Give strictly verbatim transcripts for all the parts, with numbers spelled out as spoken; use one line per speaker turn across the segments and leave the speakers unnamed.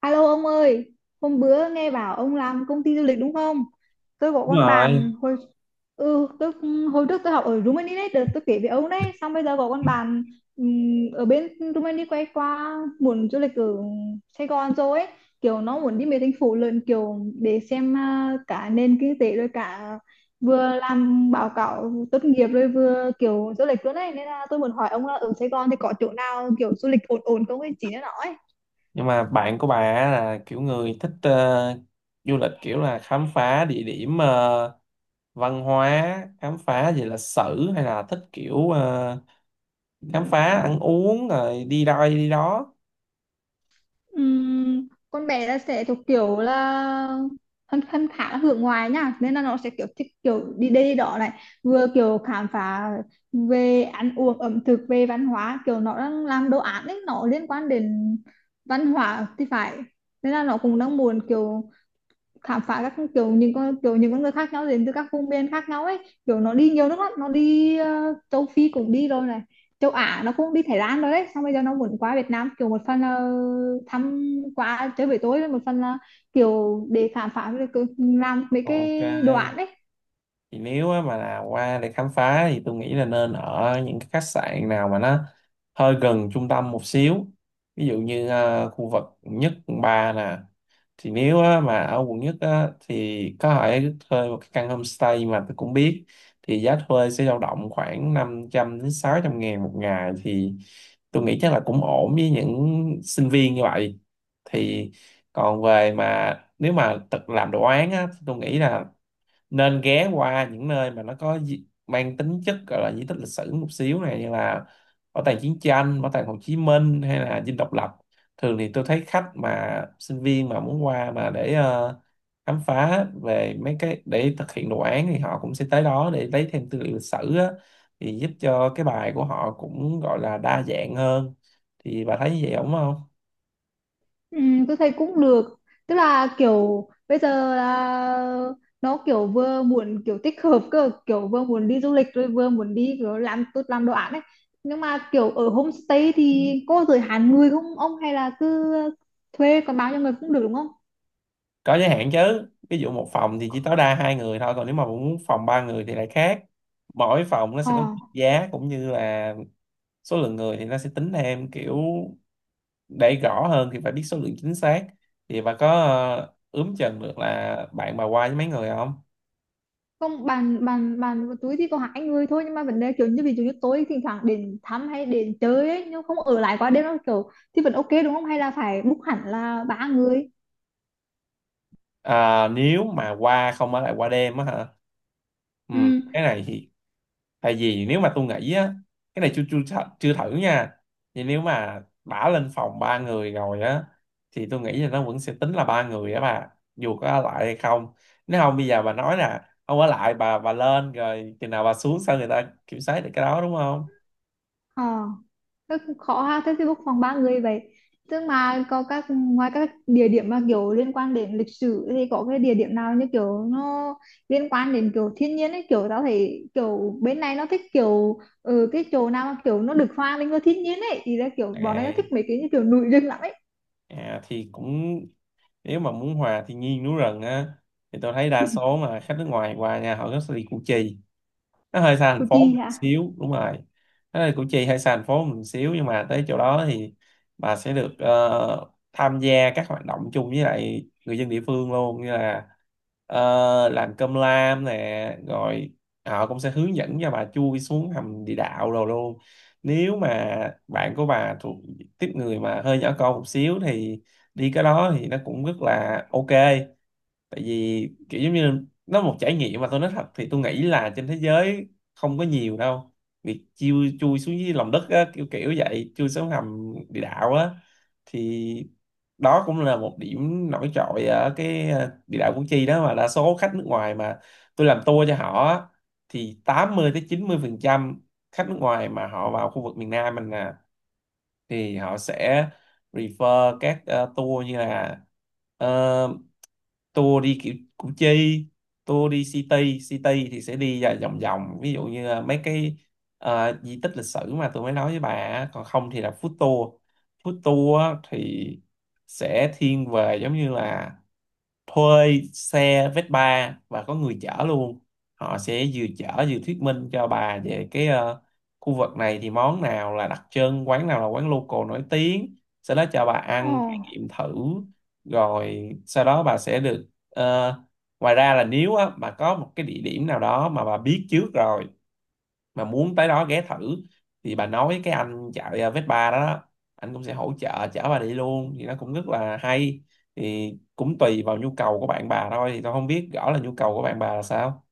Alo ông ơi, hôm bữa nghe bảo ông làm công ty du lịch đúng không? Tôi có
Đúng
con
rồi,
bạn hồi ừ, tôi hồi trước tôi học ở Rumani đấy, đợt tôi kể với ông đấy, xong bây giờ có con bạn ừm, ở bên Rumani quay qua muốn du lịch ở Sài Gòn rồi ấy, kiểu nó muốn đi mấy thành phố lớn kiểu để xem à, cả nền kinh tế rồi cả vừa làm báo cáo tốt nghiệp rồi vừa kiểu du lịch luôn đấy, nên là tôi muốn hỏi ông là ở Sài Gòn thì có chỗ nào kiểu du lịch ổn ổn không ấy chỉ cho nó ấy.
nhưng mà bạn của bà á là kiểu người thích ờ, du lịch kiểu là khám phá địa điểm ờ, văn hóa, khám phá về lịch sử hay là thích kiểu ờ, khám phá ăn uống rồi đi đây đi đó.
Ừm, con bé là sẽ thuộc kiểu là thân thân khá là hướng ngoại nha, nên là nó sẽ kiểu thích kiểu đi đây đi đó này, vừa kiểu khám phá về ăn uống ẩm thực về văn hóa, kiểu nó đang làm đồ án ấy, nó liên quan đến văn hóa thì phải, nên là nó cũng đang muốn kiểu khám phá các kiểu những con kiểu những con người khác nhau đến từ các vùng miền khác nhau ấy, kiểu nó đi nhiều nước lắm, nó đi ờ, châu Phi cũng đi rồi này, châu Á nó cũng đi Thái Lan rồi đấy, xong bây giờ nó muốn qua Việt Nam kiểu một phần là thăm qua chơi với tôi, một phần là kiểu để khám phá được cái- làm mấy
Ok.
cái đồ án đấy.
Thì nếu á mà là qua để khám phá thì tôi nghĩ là nên ở những cái khách sạn nào mà nó hơi gần trung tâm một xíu, ví dụ như ờ, khu vực quận nhất quận ba nè. Thì nếu á, mà ở quận nhất á, thì có thể thuê một cái căn homestay mà tôi cũng biết, thì giá thuê sẽ dao động khoảng năm trăm đến sáu trăm ngàn một ngày, thì tôi nghĩ chắc là cũng ổn với những sinh viên như vậy thì. Còn về mà nếu mà tự làm đồ án á, thì tôi nghĩ là nên ghé qua những nơi mà nó có di- mang tính chất gọi là di tích lịch sử một xíu này, như là bảo tàng chiến tranh, bảo tàng Hồ Chí Minh hay là Dinh Độc Lập. Thường thì tôi thấy khách mà sinh viên mà muốn qua mà để ờ, khám phá về mấy cái để thực hiện đồ án thì họ cũng sẽ tới đó để lấy thêm tư liệu lịch sử á, thì giúp cho cái bài của họ cũng gọi là đa dạng hơn. Thì bà thấy như vậy đúng không?
Ừ, tôi thấy cũng được, tức là kiểu bây giờ là nó kiểu vừa muốn kiểu tích hợp cơ, kiểu vừa muốn đi du lịch rồi vừa muốn đi kiểu làm tốt làm đồ án ấy, nhưng mà kiểu ở homestay thì có giới hạn người không ông, hay là cứ thuê còn bao nhiêu người cũng được đúng không?
Có giới hạn chứ, ví dụ một phòng thì chỉ tối đa hai người thôi, còn nếu mà muốn phòng ba người thì lại khác. Mỗi phòng nó
ờ
sẽ có mức giá cũng như là số lượng người thì nó sẽ tính thêm kiểu, để rõ hơn thì phải biết số lượng chính xác. Thì bà có ờ, ướm chừng được là bạn bà qua với mấy người không?
không bàn bàn bàn với túi thì có hai người thôi, nhưng mà vấn đề kiểu như ví dụ như tối thỉnh thoảng đến thăm hay đến chơi ấy nhưng không ở lại quá đêm nó kiểu thì vẫn ok đúng không, hay là phải book hẳn là ba người?
À, nếu mà qua không ở lại qua đêm á hả, ừ,
Ừ.
cái này thì, tại vì nếu mà tôi nghĩ á, cái này chưa chưa thử- chưa thử nha. Thì nếu mà đã lên phòng ba người rồi á thì tôi nghĩ là nó vẫn sẽ tính là ba người á bà, dù có ở lại hay không. Nếu không bây giờ bà nói nè, không ở lại bà bà lên rồi chừng nào bà xuống sao người ta kiểm soát được cái đó, đúng không?
ờ Rất khó ha, thế thì book phòng ba người vậy. Tức mà có các, ngoài các địa điểm mà kiểu liên quan đến lịch sử thì có cái địa điểm nào như kiểu nó liên quan đến kiểu thiên nhiên ấy, kiểu tao thấy kiểu bên này nó thích kiểu ừ, cái chỗ nào mà kiểu nó được hòa mình với thiên nhiên ấy, thì là kiểu bọn này nó thích
Đấy.
mấy cái như kiểu núi rừng lắm ấy.
À, thì cũng, nếu mà muốn hòa thiên nhiên núi rừng á thì tôi thấy đa số mà khách nước ngoài qua nhà họ rất sẽ đi Củ Chi, nó hơi xa
Của
thành phố một
chị hả?
xíu, đúng rồi. Nó là Củ Chi hơi xa thành phố một xíu nhưng mà tới chỗ đó thì bà sẽ được ờ, tham gia các hoạt động chung với lại người dân địa phương luôn, như là ờ, làm cơm lam nè, rồi họ cũng sẽ hướng dẫn cho bà chui xuống hầm địa đạo rồi luôn. Nếu mà bạn của bà thuộc tiếp người mà hơi nhỏ con một xíu thì đi cái đó thì nó cũng rất là ok. Tại vì kiểu giống như là nó một trải nghiệm mà tôi nói thật thì tôi nghĩ là trên thế giới không có nhiều đâu, việc chui chui xuống dưới lòng đất á, kiểu kiểu vậy, chui xuống hầm địa đạo á. Thì đó cũng là một điểm nổi trội ở cái ờ, địa đạo Củ Chi đó, mà đa số khách nước ngoài mà tôi làm tour cho họ á, thì tám mươi tới chín mươi phần trăm khách nước ngoài mà họ vào khu vực miền Nam mình nè thì họ sẽ refer các ờ, tour, như là ờ, tour đi kiểu Củ Chi, tour đi City City thì sẽ đi ra vòng vòng, ví dụ như là mấy cái ờ, di tích lịch sử mà tôi mới nói với bà á. Còn không thì là food tour. Food tour á thì sẽ thiên về giống như là thuê xe Vespa và có người chở luôn, họ sẽ vừa chở vừa thuyết minh cho bà về cái ờ, khu vực này thì món nào là đặc trưng, quán nào là quán local nổi tiếng, sau đó cho bà
Ồ.
ăn trải nghiệm thử. Rồi sau đó bà sẽ được ờ, ngoài ra là nếu á, bà có một cái địa điểm nào đó mà bà biết trước rồi mà muốn tới đó ghé thử, thì bà nói cái anh chạy à, Vespa đó, đó anh cũng sẽ hỗ trợ chở bà đi luôn thì nó cũng rất là hay. Thì cũng tùy vào nhu cầu của bạn bà thôi, thì tôi không biết rõ là nhu cầu của bạn bà là sao.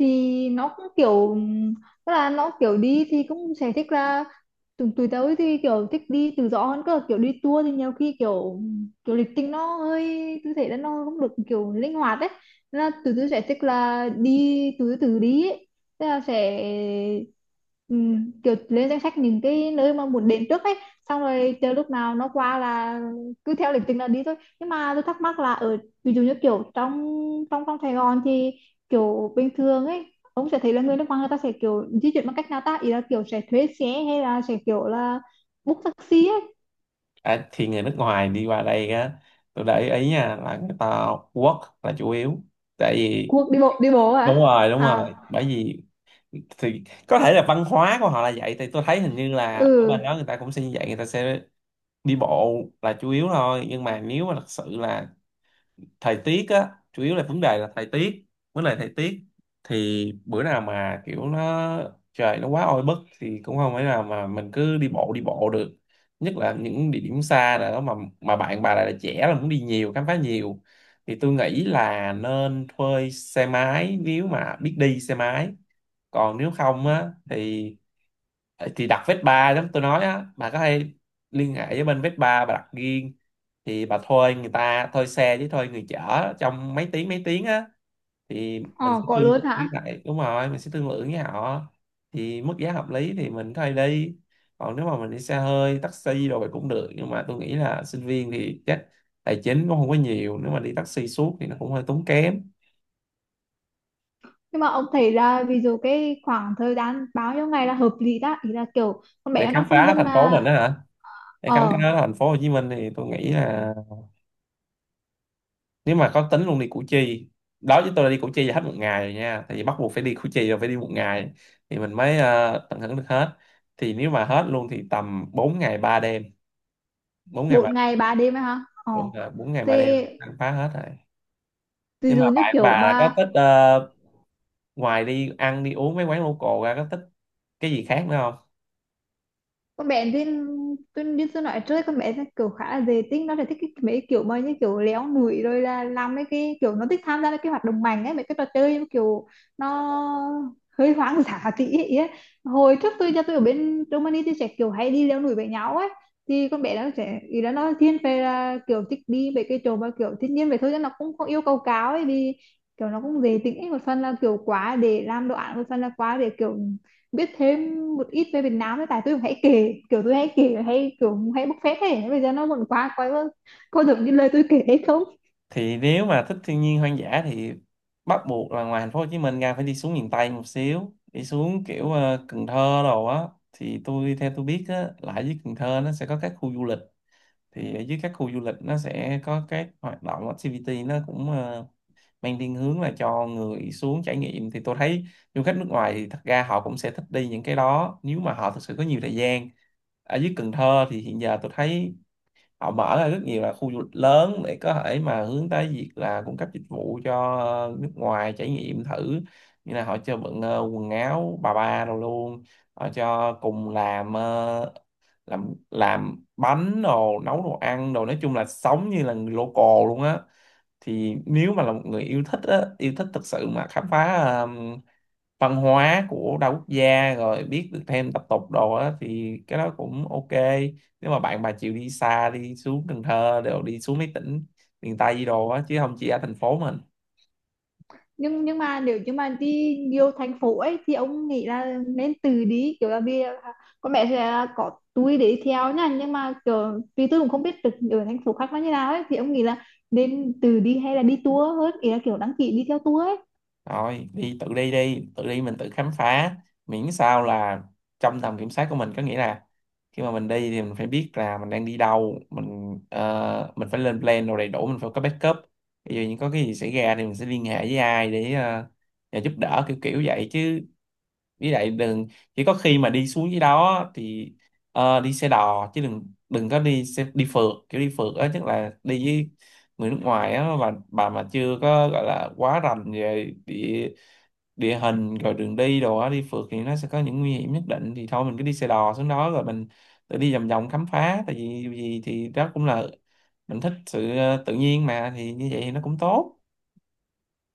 Thì nó cũng kiểu, tức là nó kiểu đi thì cũng sẽ thích là tụi tụi tớ thì kiểu thích đi tự do hơn cơ, kiểu đi tour thì nhiều khi kiểu kiểu lịch trình nó hơi, tôi thấy là nó không được kiểu linh hoạt ấy. Nên là tụi tôi sẽ thích là đi tụi tôi tự đi ấy. Tức là sẽ ừm, kiểu lên danh sách những cái nơi mà muốn đến trước ấy, xong rồi chờ lúc nào nó qua là cứ theo lịch trình là đi thôi. Nhưng mà tôi thắc mắc là ở, ví dụ như kiểu trong trong trong Sài Gòn thì kiểu bình thường ấy ông sẽ thấy là người nước ngoài người ta sẽ kiểu di chuyển bằng cách nào ta, ý là kiểu sẽ thuê xe hay là sẽ kiểu là book taxi ấy?
À, thì người nước ngoài đi qua đây á, tôi để ý nha là người ta work là chủ yếu, tại vì
Cuộc đi bộ đi bộ
đúng
hả?
rồi, đúng
À.
rồi, bởi vì, thì có thể là văn hóa của họ là vậy, thì tôi thấy hình như là ở
Ừ.
bên đó người ta cũng sẽ như vậy, người ta sẽ đi bộ là chủ yếu thôi. Nhưng mà nếu mà thật sự là thời tiết á, chủ yếu là vấn đề là thời tiết, vấn đề thời tiết, thì bữa nào mà kiểu nó trời nó quá oi bức thì cũng không phải nào mà mình cứ đi bộ đi bộ được, nhất là những địa điểm xa nào đó mà mà bạn bà lại là trẻ là muốn đi nhiều khám phá nhiều, thì tôi nghĩ là nên thuê xe máy nếu mà biết đi xe máy. Còn nếu không á thì thì đặt Vespa giống tôi nói á, bà có thể liên hệ với bên Vespa bà đặt riêng. Thì bà thuê người ta, thuê xe với thuê người chở trong mấy tiếng mấy tiếng á thì mình
Ờ.
sẽ
Có
thương lượng
luôn
với
hả?
lại, đúng rồi, mình sẽ thương lượng với họ, thì mức giá hợp lý thì mình thuê đi. Còn nếu mà mình đi xe hơi taxi rồi vậy cũng được, nhưng mà tôi nghĩ là sinh viên thì chắc tài chính cũng không có nhiều, nếu mà đi taxi suốt thì nó cũng hơi tốn kém.
Nhưng mà ông thấy là ví dụ cái khoảng thời gian bao nhiêu ngày là hợp lý ta, ý là kiểu con bé
Để
nó đang
khám
phân
phá
vân
thành phố
là.
mình đó hả, để khám phá
Ờ.
thành phố Hồ Chí Minh thì tôi nghĩ là nếu mà có tính luôn đi Củ Chi, đó chứ tôi đã đi Củ Chi là hết một ngày rồi nha, tại vì bắt buộc phải đi Củ Chi rồi phải đi một ngày thì mình mới ờ, tận hưởng được hết. Thì nếu mà hết luôn thì tầm bốn ngày ba đêm, bốn ngày ba
bốn
đêm
ngày ba đêm ấy hả? Ờ.
đúng rồi, bốn ngày ba đêm.
Thế
Ăn phá hết rồi.
ví
Nhưng mà
dụ như
bạn bà
kiểu
là có
mà
thích ờ, ngoài đi ăn đi uống mấy quán local ra, có thích cái gì khác nữa?
con bé Duyên, tôi Duyên tôi nói trước, con bé nó kiểu khá là dễ tính, nó là thích cái, mấy cái kiểu mà như kiểu léo nụi, rồi là làm mấy cái kiểu nó thích tham gia mấy cái hoạt động mạnh ấy, mấy cái trò chơi kiểu nó hơi hoang dã tí ấy. Ấy. Hồi trước tôi cho tôi ở bên Germany tôi sẽ kiểu hay đi leo núi với nhau ấy, thì con bé nó sẽ, ý là nó thiên về là kiểu thích đi về cái chỗ mà kiểu thiên nhiên vậy thôi chứ nó cũng không yêu cầu cao ấy, vì kiểu nó cũng dễ tính ấy, một phần là kiểu quá để làm đồ án, một phần là quá để kiểu biết thêm một ít về Việt Nam, với tại tôi hãy kể kiểu tôi hãy kể hay kiểu hãy bốc phét, thế bây giờ nó vẫn quá quá có được như lời tôi kể hay không.
Thì nếu mà thích thiên nhiên hoang dã thì bắt buộc là ngoài thành phố Hồ Chí Minh ra phải đi xuống miền Tây một xíu, đi xuống kiểu ờ, Cần Thơ đồ á. Thì tôi theo tôi biết á là ở dưới Cần Thơ nó sẽ có các khu du lịch, thì ở dưới các khu du lịch nó sẽ có các hoạt động activity, nó cũng ờ, mang thiên hướng là cho người xuống trải nghiệm. Thì tôi thấy du khách nước ngoài thì thật ra họ cũng sẽ thích đi những cái đó nếu mà họ thực sự có nhiều thời gian. Ở dưới Cần Thơ thì hiện giờ tôi thấy họ mở ra rất nhiều là khu du lịch lớn để có thể mà hướng tới việc là cung cấp dịch vụ cho ờ, nước ngoài trải nghiệm thử, như là họ cho bận ờ, quần áo bà ba đồ luôn, họ cho cùng làm ờ, làm làm bánh đồ, nấu đồ ăn đồ, nói chung là sống như là người local luôn á. Thì nếu mà là một người yêu thích á, yêu thích thật sự mà khám phá văn hóa của đa quốc gia rồi biết được thêm tập tục đồ á thì cái đó cũng ok. Nếu mà bạn bà chịu đi xa đi xuống Cần Thơ đều đi xuống mấy tỉnh miền Tây gì đồ á chứ không chỉ ở thành phố mình.
Nhưng nhưng mà nếu như mà đi nhiều thành phố ấy thì ông nghĩ là nên từ đi kiểu, là vì con bé sẽ có túi để theo nha, nhưng mà kiểu vì tôi cũng không biết được ở thành phố khác nó như nào ấy, thì ông nghĩ là nên từ đi hay là đi tour hơn, ý là kiểu đăng ký đi theo tour ấy?
Rồi đi tự đi đi tự đi mình tự khám phá, miễn sao là trong tầm kiểm soát của mình, có nghĩa là khi mà mình đi thì mình phải biết là mình đang đi đâu, mình ờ, mình phải lên plan đồ đầy đủ, mình phải có backup, ví dụ như có cái gì xảy ra thì mình sẽ liên hệ với ai để ờ, nhờ giúp đỡ, kiểu kiểu vậy chứ. Với lại đừng, chỉ có khi mà đi xuống dưới đó thì ờ, đi xe đò chứ đừng đừng có đi xe đi phượt, kiểu đi phượt á tức là đi với người nước ngoài á, và bà mà chưa có gọi là quá rành về địa địa hình rồi đường đi đồ á, đi phượt thì nó sẽ có những nguy hiểm nhất định, thì thôi mình cứ đi xe đò xuống đó rồi mình tự đi vòng vòng khám phá, tại vì gì thì đó cũng là mình thích sự ờ, tự nhiên mà, thì như vậy thì nó cũng tốt.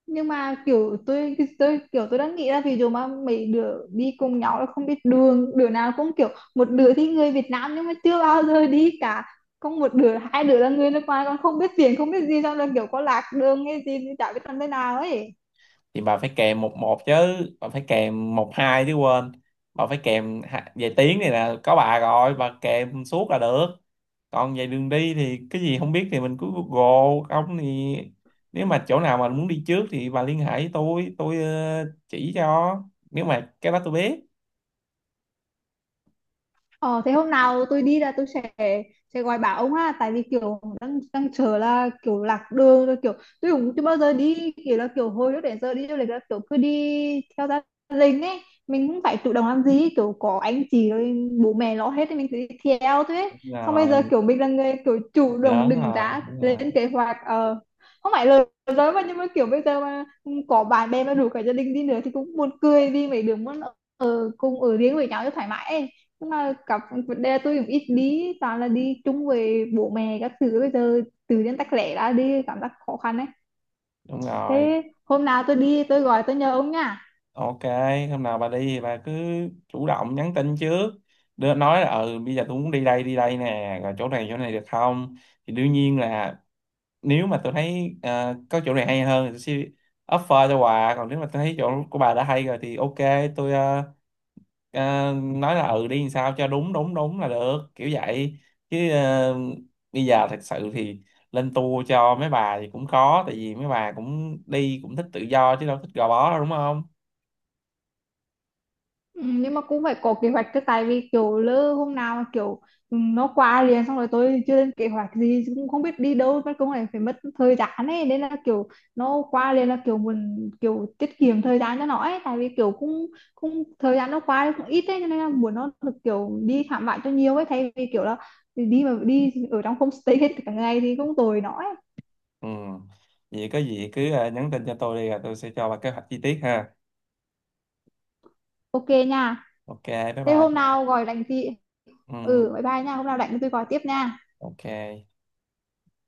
Nhưng mà kiểu tôi tôi kiểu tôi đang nghĩ là ví dụ mà mấy đứa đi cùng nhau là không biết đường, đứa nào cũng kiểu, một đứa thì người Việt Nam nhưng mà chưa bao giờ đi cả, không một đứa hai đứa là người nước ngoài còn không biết tiền không biết gì, xong rồi kiểu có lạc đường hay gì thì chả biết làm thế nào ấy.
Thì bà phải kèm một một chứ, bà phải kèm một hai chứ quên, bà phải kèm hạ- về tiếng này là có bà rồi bà kèm suốt là được. Còn về đường đi thì cái gì không biết thì mình cứ Google, không thì nếu mà chỗ nào mà muốn đi trước thì bà liên hệ với tôi tôi ờ, chỉ cho nếu mà cái đó tôi biết.
Ờ, thế hôm nào tôi đi là tôi sẽ sẽ gọi bảo ông ha, tại vì kiểu đang đang chờ là kiểu lạc đường rồi kiểu, tôi cũng chưa bao giờ đi kiểu, là kiểu hồi lúc đến giờ đi du lịch là kiểu cứ đi theo gia đình ấy, mình cũng phải chủ động làm gì, kiểu có anh chị rồi bố mẹ lo hết thì mình cứ đi theo thôi ấy.
Đúng
Xong bây giờ
rồi.
kiểu mình là người kiểu chủ động
Lớn
định
rồi,
ra
đúng rồi,
lên kế hoạch, ờ không phải lời nói mà, nhưng mà kiểu bây giờ mà có bạn bè mà rủ cả gia đình đi nữa thì cũng buồn cười, đi mấy đứa muốn ở cùng ở riêng với nhau cho thoải mái ấy, nhưng mà cặp vấn đề là tôi cũng ít đi, toàn là đi chung với bố mẹ các thứ, bây giờ tự nhiên tách lẻ ra đi cảm giác khó khăn ấy.
đúng rồi.
Thế hôm nào tôi đi tôi gọi tôi nhờ ông nha.
Ok, hôm nào bà đi thì bà cứ chủ động nhắn tin trước. Đưa nói là ừ bây giờ tôi muốn đi đây đi đây nè, rồi chỗ này chỗ này được không? Thì đương nhiên là nếu mà tôi thấy ờ, có chỗ này hay hơn thì tôi sẽ offer cho bà, còn nếu mà tôi thấy chỗ của bà đã hay rồi thì ok, tôi ờ, ờ, nói là ừ đi làm sao cho đúng đúng đúng là được, kiểu vậy. Chứ ờ, bây giờ thật sự thì lên tour cho mấy bà thì cũng khó, tại vì mấy bà cũng đi cũng thích tự do chứ đâu thích gò bó đâu, đúng không?
Ừ, nhưng mà cũng phải có kế hoạch chứ, tại vì kiểu lỡ hôm nào mà kiểu nó qua liền xong rồi tôi chưa lên kế hoạch gì cũng không biết đi đâu mất, cũng lại phải mất thời gian ấy, nên là kiểu nó qua liền là kiểu mình kiểu tiết kiệm thời gian cho nó ấy, tại vì kiểu cũng cũng thời gian nó qua thì cũng ít ấy, cho nên là muốn nó được kiểu đi khám phá cho nhiều ấy, thay vì kiểu là đi mà đi ở trong homestay hết cả ngày thì cũng tồi nó ấy.
Ừ. Vậy có gì cứ à, nhắn tin cho tôi đi rồi tôi sẽ cho bà kế hoạch chi tiết ha.
Ok nha.
Ok, bye
Thế hôm
bye.
nào gọi đánh chị,
Ừ.
ừ, bye bye nha, hôm nào đánh tôi gọi tiếp nha.
Ok.